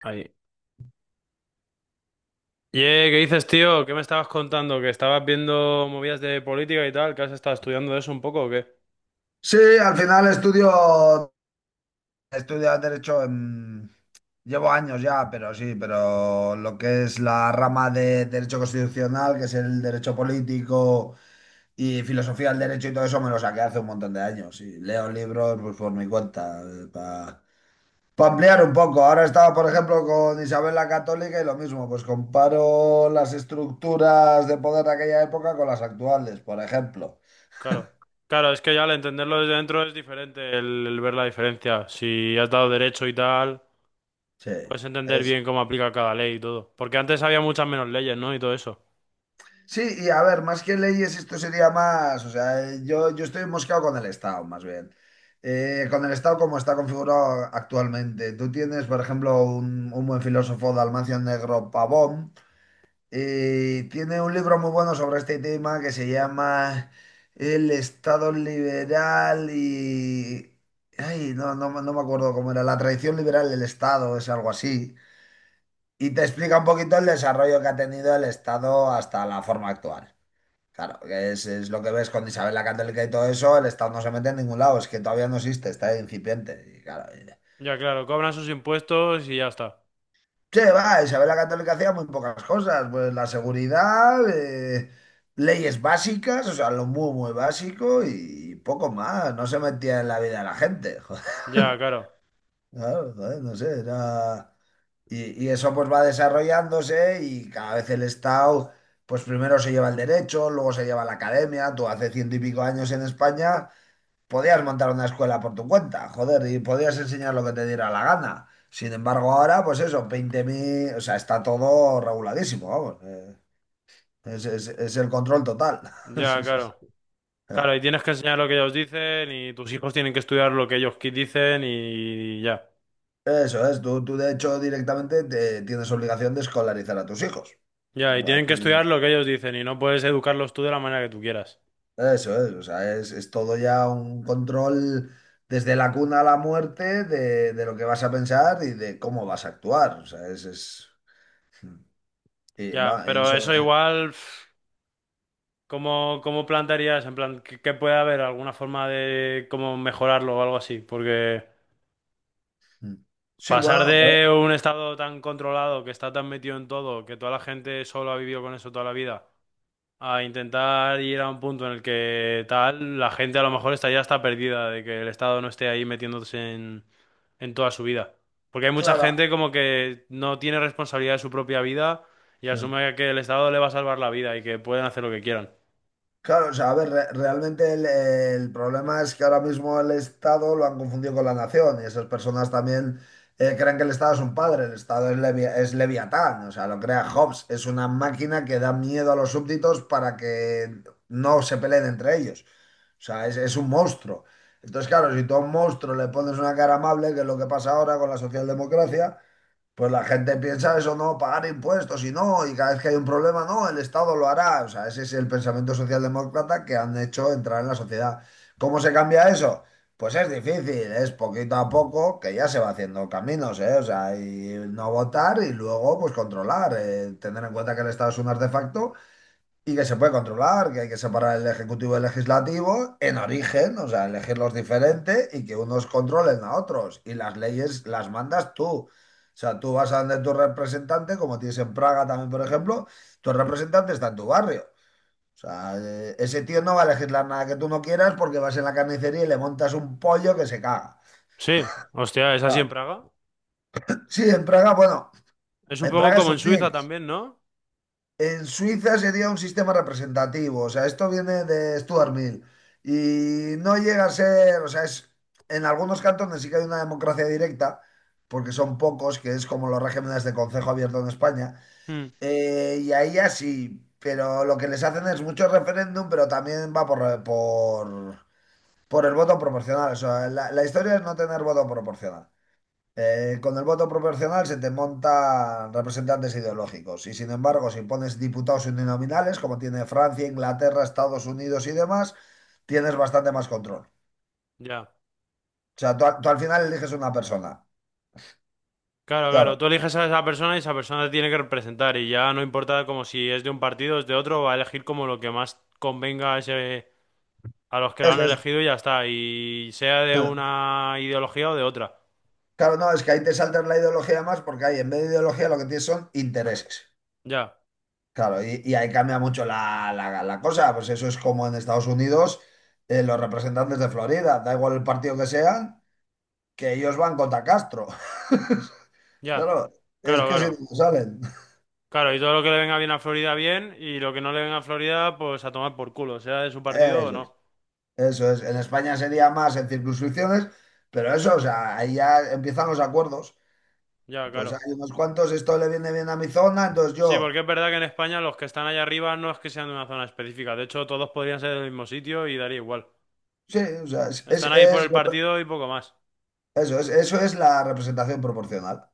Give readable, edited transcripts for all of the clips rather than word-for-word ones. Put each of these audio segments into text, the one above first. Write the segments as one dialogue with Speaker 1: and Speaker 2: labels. Speaker 1: Ahí. Ye, ¿qué dices, tío? ¿Qué me estabas contando? ¿Que estabas viendo movidas de política y tal? ¿Que has estado estudiando eso un poco o qué?
Speaker 2: Sí, al final estudio, estudio derecho en- Llevo años ya, pero sí, pero lo que es la rama de derecho constitucional, que es el derecho político y filosofía del derecho y todo eso, me lo saqué hace un montón de años. Y leo libros, pues, por mi cuenta, para ampliar un poco. Ahora estaba, por ejemplo, con Isabel la Católica y lo mismo, pues comparo las estructuras de poder de aquella época con las actuales, por ejemplo.
Speaker 1: Claro. Claro, es que ya al entenderlo desde dentro es diferente el ver la diferencia. Si has dado derecho y tal,
Speaker 2: Sí,
Speaker 1: puedes entender
Speaker 2: es...
Speaker 1: bien cómo aplica cada ley y todo. Porque antes había muchas menos leyes, ¿no? Y todo eso.
Speaker 2: Sí, y a ver, más que leyes, esto sería más, o sea, yo estoy mosqueado con el Estado, más bien. Con el Estado como está configurado actualmente. Tú tienes, por ejemplo, un buen filósofo, Dalmacio Negro Pavón, y tiene un libro muy bueno sobre este tema que se llama El Estado Liberal y... Ay, no, no, no me acuerdo cómo era, la tradición liberal del Estado, es algo así. Y te explica un poquito el desarrollo que ha tenido el Estado hasta la forma actual. Claro, que es lo que ves con Isabel la Católica y todo eso, el Estado no se mete en ningún lado, es que todavía no existe, está incipiente. Y claro, y-
Speaker 1: Ya, claro, cobran sus impuestos y ya está.
Speaker 2: sí, va, Isabel la Católica hacía muy pocas cosas, pues la seguridad, leyes básicas, o sea, lo muy, muy básico y poco más, no se metía en la vida de la gente. Joder,
Speaker 1: Ya, claro.
Speaker 2: claro, joder, no sé, era... Y, y eso pues va desarrollándose y cada vez el Estado, pues primero se lleva el derecho, luego se lleva la academia, tú hace ciento y pico años en España, podías montar una escuela por tu cuenta, joder, y podías enseñar lo que te diera la gana. Sin embargo, ahora, pues eso, veinte mil, o sea, está todo reguladísimo, vamos. Es, es el control total.
Speaker 1: Ya, claro. Claro, y tienes que enseñar lo que ellos dicen y tus hijos tienen que estudiar lo que ellos dicen y ya.
Speaker 2: Eso es, tú de hecho directamente tienes obligación de escolarizar a tus hijos.
Speaker 1: Ya, y
Speaker 2: A
Speaker 1: tienen que estudiar
Speaker 2: tu-
Speaker 1: lo que ellos dicen y no puedes educarlos tú de la manera que tú quieras.
Speaker 2: Eso es, o sea, es todo ya un control desde la cuna a la muerte de lo que vas a pensar y de cómo vas a actuar. O sea, es- y
Speaker 1: Ya,
Speaker 2: va,
Speaker 1: pero
Speaker 2: eso,
Speaker 1: eso igual, pf, ¿cómo plantearías? En plan, ¿qué puede haber? ¿Alguna forma de cómo mejorarlo o algo así? Porque
Speaker 2: mm. Sí,
Speaker 1: pasar
Speaker 2: bueno, joder,
Speaker 1: de un estado tan controlado que está tan metido en todo, que toda la gente solo ha vivido con eso toda la vida, a intentar ir a un punto en el que tal, la gente a lo mejor está ya está perdida de que el Estado no esté ahí metiéndose en toda su vida. Porque hay mucha
Speaker 2: claro.
Speaker 1: gente como que no tiene responsabilidad de su propia vida y
Speaker 2: Mm.
Speaker 1: asume que el Estado le va a salvar la vida y que pueden hacer lo que quieran.
Speaker 2: Claro, o sea, a ver, realmente el problema es que ahora mismo el Estado lo han confundido con la nación y esas personas también creen que el Estado es un padre, el Estado es, Leviatán, o sea, lo crea Hobbes, es una máquina que da miedo a los súbditos para que no se peleen entre ellos. O sea, es un monstruo. Entonces, claro, si tú a un monstruo le pones una cara amable, que es lo que pasa ahora con la socialdemocracia, pues la gente piensa eso, no, pagar impuestos y no, y cada vez que hay un problema, no, el Estado lo hará. O sea, ese es el pensamiento socialdemócrata que han hecho entrar en la sociedad. ¿Cómo se cambia eso? Pues es difícil, es poquito a poco que ya se va haciendo caminos, ¿eh? O sea, y no votar y luego pues controlar, tener en cuenta que el Estado es un artefacto y que se puede controlar, que hay que separar el ejecutivo del legislativo en origen, o sea, elegirlos diferente y que unos controlen a otros. Y las leyes las mandas tú. O sea, tú vas a donde tu representante, como tienes en Praga también, por ejemplo, tu representante está en tu barrio. O sea, ese tío no va a legislar nada que tú no quieras porque vas en la carnicería y le montas un pollo que se caga.
Speaker 1: Sí, hostia, es así en
Speaker 2: Claro.
Speaker 1: Praga.
Speaker 2: Sí, en Praga, bueno,
Speaker 1: Es un
Speaker 2: en
Speaker 1: poco
Speaker 2: Praga es
Speaker 1: como en
Speaker 2: un
Speaker 1: Suiza
Speaker 2: mix.
Speaker 1: también, ¿no?
Speaker 2: En Suiza sería un sistema representativo, o sea, esto viene de Stuart Mill y no llega a ser, o sea, es, en algunos cantones sí que hay una democracia directa, porque son pocos, que es como los regímenes de concejo abierto en España,
Speaker 1: Hmm,
Speaker 2: y ahí así, pero lo que les hacen es mucho referéndum, pero también va por el voto proporcional, o sea, la historia es no tener voto proporcional. Con el voto proporcional se te montan representantes ideológicos y sin embargo si pones diputados uninominales como tiene Francia, Inglaterra, Estados Unidos y demás, tienes bastante más control.
Speaker 1: ya.
Speaker 2: O sea, tú, tú al final eliges una persona.
Speaker 1: Claro, claro,
Speaker 2: Claro,
Speaker 1: tú eliges a esa persona y esa persona te tiene que representar y ya no importa como si es de un partido o es de otro, va a elegir como lo que más convenga a ese a los que lo han
Speaker 2: eso es.
Speaker 1: elegido y ya está. Y sea de una ideología o de otra.
Speaker 2: Claro, no, es que ahí te saltas la ideología más porque ahí en vez de ideología lo que tienes son intereses.
Speaker 1: Ya,
Speaker 2: Claro, y ahí cambia mucho la, la cosa. Pues eso es como en Estados Unidos, los representantes de Florida, da igual el partido que sean, que ellos van contra Castro.
Speaker 1: ya.
Speaker 2: Claro, es
Speaker 1: Claro,
Speaker 2: que si
Speaker 1: claro.
Speaker 2: no salen.
Speaker 1: Claro, y todo lo que le venga bien a Florida, bien. Y lo que no le venga a Florida, pues a tomar por culo, sea de su partido o
Speaker 2: Eso es,
Speaker 1: no.
Speaker 2: eso es. En España sería más en circunscripciones, pero eso, o sea, ahí ya empiezan los acuerdos.
Speaker 1: Ya,
Speaker 2: Pues
Speaker 1: claro.
Speaker 2: hay unos cuantos, esto le viene bien a mi zona, entonces
Speaker 1: Sí, porque
Speaker 2: yo.
Speaker 1: es verdad que en España los que están allá arriba no es que sean de una zona específica. De hecho, todos podrían ser del mismo sitio y daría igual.
Speaker 2: Sí, o sea, es,
Speaker 1: Están ahí por
Speaker 2: es-
Speaker 1: el partido y poco más.
Speaker 2: eso es, eso es la representación proporcional.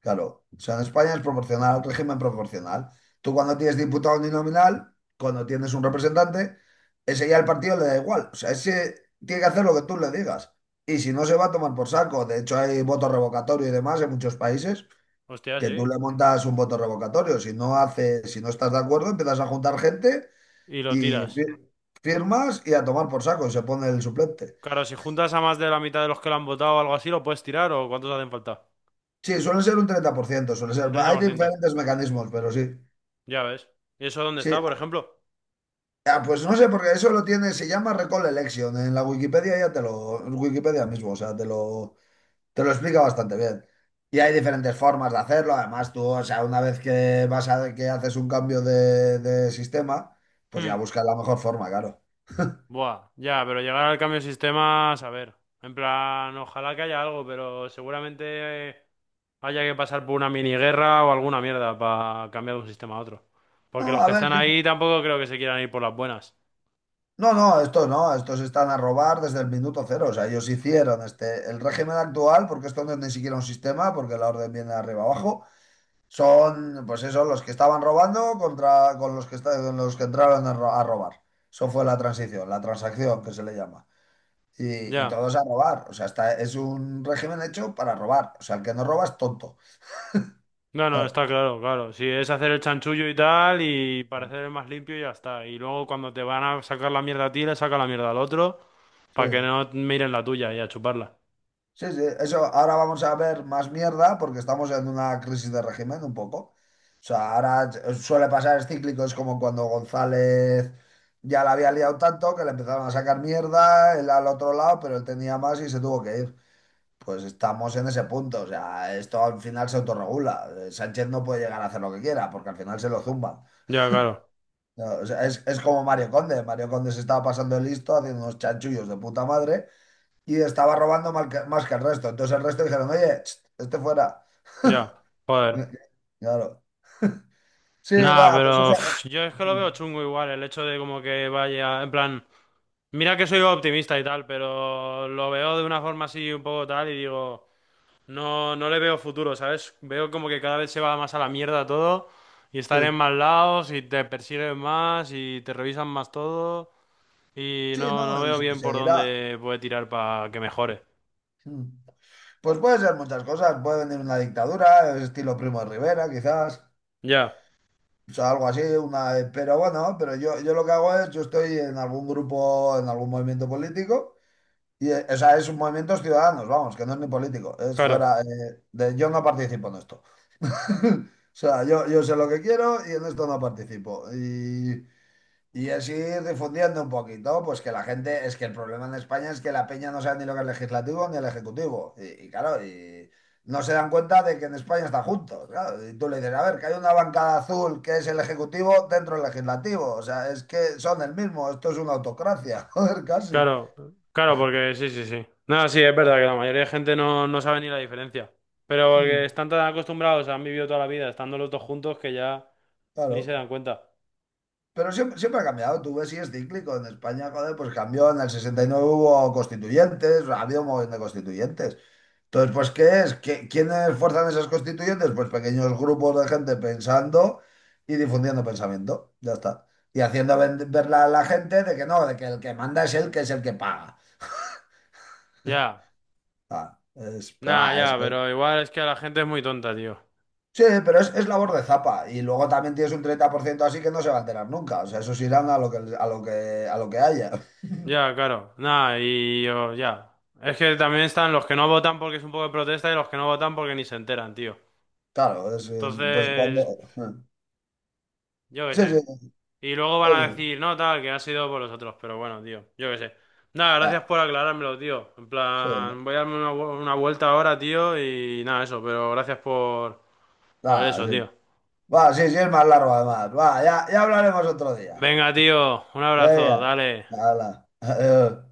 Speaker 2: Claro, o sea, en España es proporcional, régimen proporcional. Tú cuando tienes diputado uninominal, cuando tienes un representante, ese ya el partido le da igual. O sea, ese tiene que hacer lo que tú le digas. Y si no, se va a tomar por saco. De hecho, hay voto revocatorio y demás en muchos países
Speaker 1: Hostia,
Speaker 2: que tú
Speaker 1: sí.
Speaker 2: le montas un voto revocatorio. Si no hace, si no estás de acuerdo, empiezas a juntar gente
Speaker 1: Y lo
Speaker 2: y
Speaker 1: tiras.
Speaker 2: firmas y a tomar por saco. Y se pone el suplente.
Speaker 1: Claro, si juntas a más de la mitad de los que lo han votado o algo así, lo puedes tirar o cuántos hacen falta.
Speaker 2: Sí, suele ser un 30%, suele
Speaker 1: Un
Speaker 2: ser.
Speaker 1: treinta
Speaker 2: Hay
Speaker 1: por ciento
Speaker 2: diferentes mecanismos, pero sí.
Speaker 1: Ya ves. ¿Y eso dónde está,
Speaker 2: Sí,
Speaker 1: por ejemplo?
Speaker 2: ya, pues no sé, porque eso lo tiene, se llama Recall Election. En la Wikipedia ya te lo, Wikipedia mismo, o sea, te lo explica bastante bien. Y hay diferentes formas de hacerlo. Además, tú, o sea, una vez que vas a, que haces un cambio de sistema, pues ya
Speaker 1: Hmm.
Speaker 2: buscas la mejor forma, claro.
Speaker 1: Buah, ya, pero llegar al cambio de sistemas, a ver. En plan, ojalá que haya algo, pero seguramente haya que pasar por una mini guerra o alguna mierda para cambiar de un sistema a otro.
Speaker 2: No,
Speaker 1: Porque los
Speaker 2: a
Speaker 1: que
Speaker 2: ver,
Speaker 1: están
Speaker 2: yo-
Speaker 1: ahí tampoco creo que se quieran ir por las buenas.
Speaker 2: no, no, estos no, estos están a robar desde el minuto cero. O sea, ellos hicieron este, el régimen actual, porque esto no es ni siquiera un sistema, porque la orden viene de arriba abajo. Son, pues eso, los que estaban robando contra con los que, con los que entraron a, a robar. Eso fue la transición, la transacción que se le llama. Y
Speaker 1: Ya.
Speaker 2: todos a robar. O sea, está, es un régimen hecho para robar. O sea, el que no roba es tonto.
Speaker 1: No, no,
Speaker 2: Claro.
Speaker 1: está claro, claro. Si es hacer el chanchullo y tal, y parecer el más limpio, y ya está. Y luego cuando te van a sacar la mierda a ti, le saca la mierda al otro, para que
Speaker 2: Sí,
Speaker 1: no miren la tuya y a chuparla.
Speaker 2: sí, sí. Eso, ahora vamos a ver más mierda porque estamos en una crisis de régimen un poco. O sea, ahora suele pasar, es cíclico, es como cuando González ya la había liado tanto que le empezaron a sacar mierda, él al otro lado, pero él tenía más y se tuvo que ir. Pues estamos en ese punto, o sea, esto al final se autorregula. Sánchez no puede llegar a hacer lo que quiera porque al final se lo zumban.
Speaker 1: Ya, claro.
Speaker 2: No, o sea, es como Mario Conde. Mario Conde se estaba pasando el listo haciendo unos chanchullos de puta madre y estaba robando más que el resto. Entonces el resto dijeron, oye, ch, este fuera.
Speaker 1: Ya. Joder.
Speaker 2: Claro. Sí,
Speaker 1: Nah,
Speaker 2: va, pues
Speaker 1: pero
Speaker 2: eso.
Speaker 1: pf, yo es que lo veo
Speaker 2: Mm,
Speaker 1: chungo igual, el hecho de como que vaya, en plan, mira que soy optimista y tal, pero lo veo de una forma así un poco tal y digo, no, no le veo futuro, ¿sabes? Veo como que cada vez se va más a la mierda todo y
Speaker 2: Sí,
Speaker 1: estar en más lados y te persiguen más y te revisan más todo y
Speaker 2: sí,
Speaker 1: no,
Speaker 2: no,
Speaker 1: no veo
Speaker 2: y
Speaker 1: bien por
Speaker 2: seguirá.
Speaker 1: dónde puede tirar para que mejore.
Speaker 2: Mm. Pues puede ser muchas cosas. Puede venir una dictadura, estilo Primo de Rivera, quizás.
Speaker 1: Ya,
Speaker 2: O sea, algo así, una, pero bueno, pero yo lo que hago es, yo estoy en algún grupo, en algún movimiento político, y o sea, es un movimiento ciudadanos, vamos, que no es ni político, es
Speaker 1: claro.
Speaker 2: fuera, de, yo no participo en esto. O sea, yo sé lo que quiero y en esto no participo. Y así difundiendo un poquito, pues que la gente, es que el problema en España es que la peña no sabe ni lo que es legislativo ni el ejecutivo. Y claro, y no se dan cuenta de que en España están juntos. Claro. Y tú le dices, a ver, que hay una bancada azul que es el ejecutivo dentro del legislativo. O sea, es que son el mismo, esto es una autocracia, joder, casi.
Speaker 1: Claro, claro, porque sí, sí, sí. No, sí, es verdad que la mayoría de gente no, no sabe ni la diferencia. Pero porque
Speaker 2: Mm,
Speaker 1: están tan acostumbrados, han vivido toda la vida estando los dos juntos que ya ni se
Speaker 2: claro.
Speaker 1: dan cuenta.
Speaker 2: Pero siempre, siempre ha cambiado, tú ves, y es cíclico. En España, joder, pues cambió, en el 69 hubo constituyentes, ha habido un montón de constituyentes. Entonces, pues, ¿qué es? Quiénes fuerzan esas constituyentes? Pues pequeños grupos de gente pensando y difundiendo pensamiento, ya está. Y haciendo ver a la gente de que no, de que el que manda es el que paga.
Speaker 1: Ya,
Speaker 2: Ah, es, pero,
Speaker 1: nada,
Speaker 2: ah,
Speaker 1: ya,
Speaker 2: es-
Speaker 1: pero igual es que la gente es muy tonta, tío.
Speaker 2: sí, pero es labor de zapa. Y luego también tienes un 30% así que no se va a enterar nunca. O sea, esos irán a lo que, a lo que, a lo que haya.
Speaker 1: Ya, claro, nada, y yo, ya. Es que también están los que no votan porque es un poco de protesta y los que no votan porque ni se enteran, tío.
Speaker 2: Claro, es- pues cuando...
Speaker 1: Entonces,
Speaker 2: eh,
Speaker 1: yo qué
Speaker 2: Sí,
Speaker 1: sé.
Speaker 2: sí,
Speaker 1: Y luego van a
Speaker 2: eso.
Speaker 1: decir, no, tal, que ha sido por los otros. Pero bueno, tío, yo qué sé. Nada, gracias
Speaker 2: Ah,
Speaker 1: por aclarármelo, tío. En
Speaker 2: sí,
Speaker 1: plan, voy a darme una, una vuelta ahora, tío, y nada, eso. Pero gracias por
Speaker 2: nada,
Speaker 1: eso, tío.
Speaker 2: sí. Va, sí, sí, es más largo además. Va, ya, ya hablaremos otro día.
Speaker 1: Venga, tío, un abrazo,
Speaker 2: Venga,
Speaker 1: dale.
Speaker 2: habla. Adiós.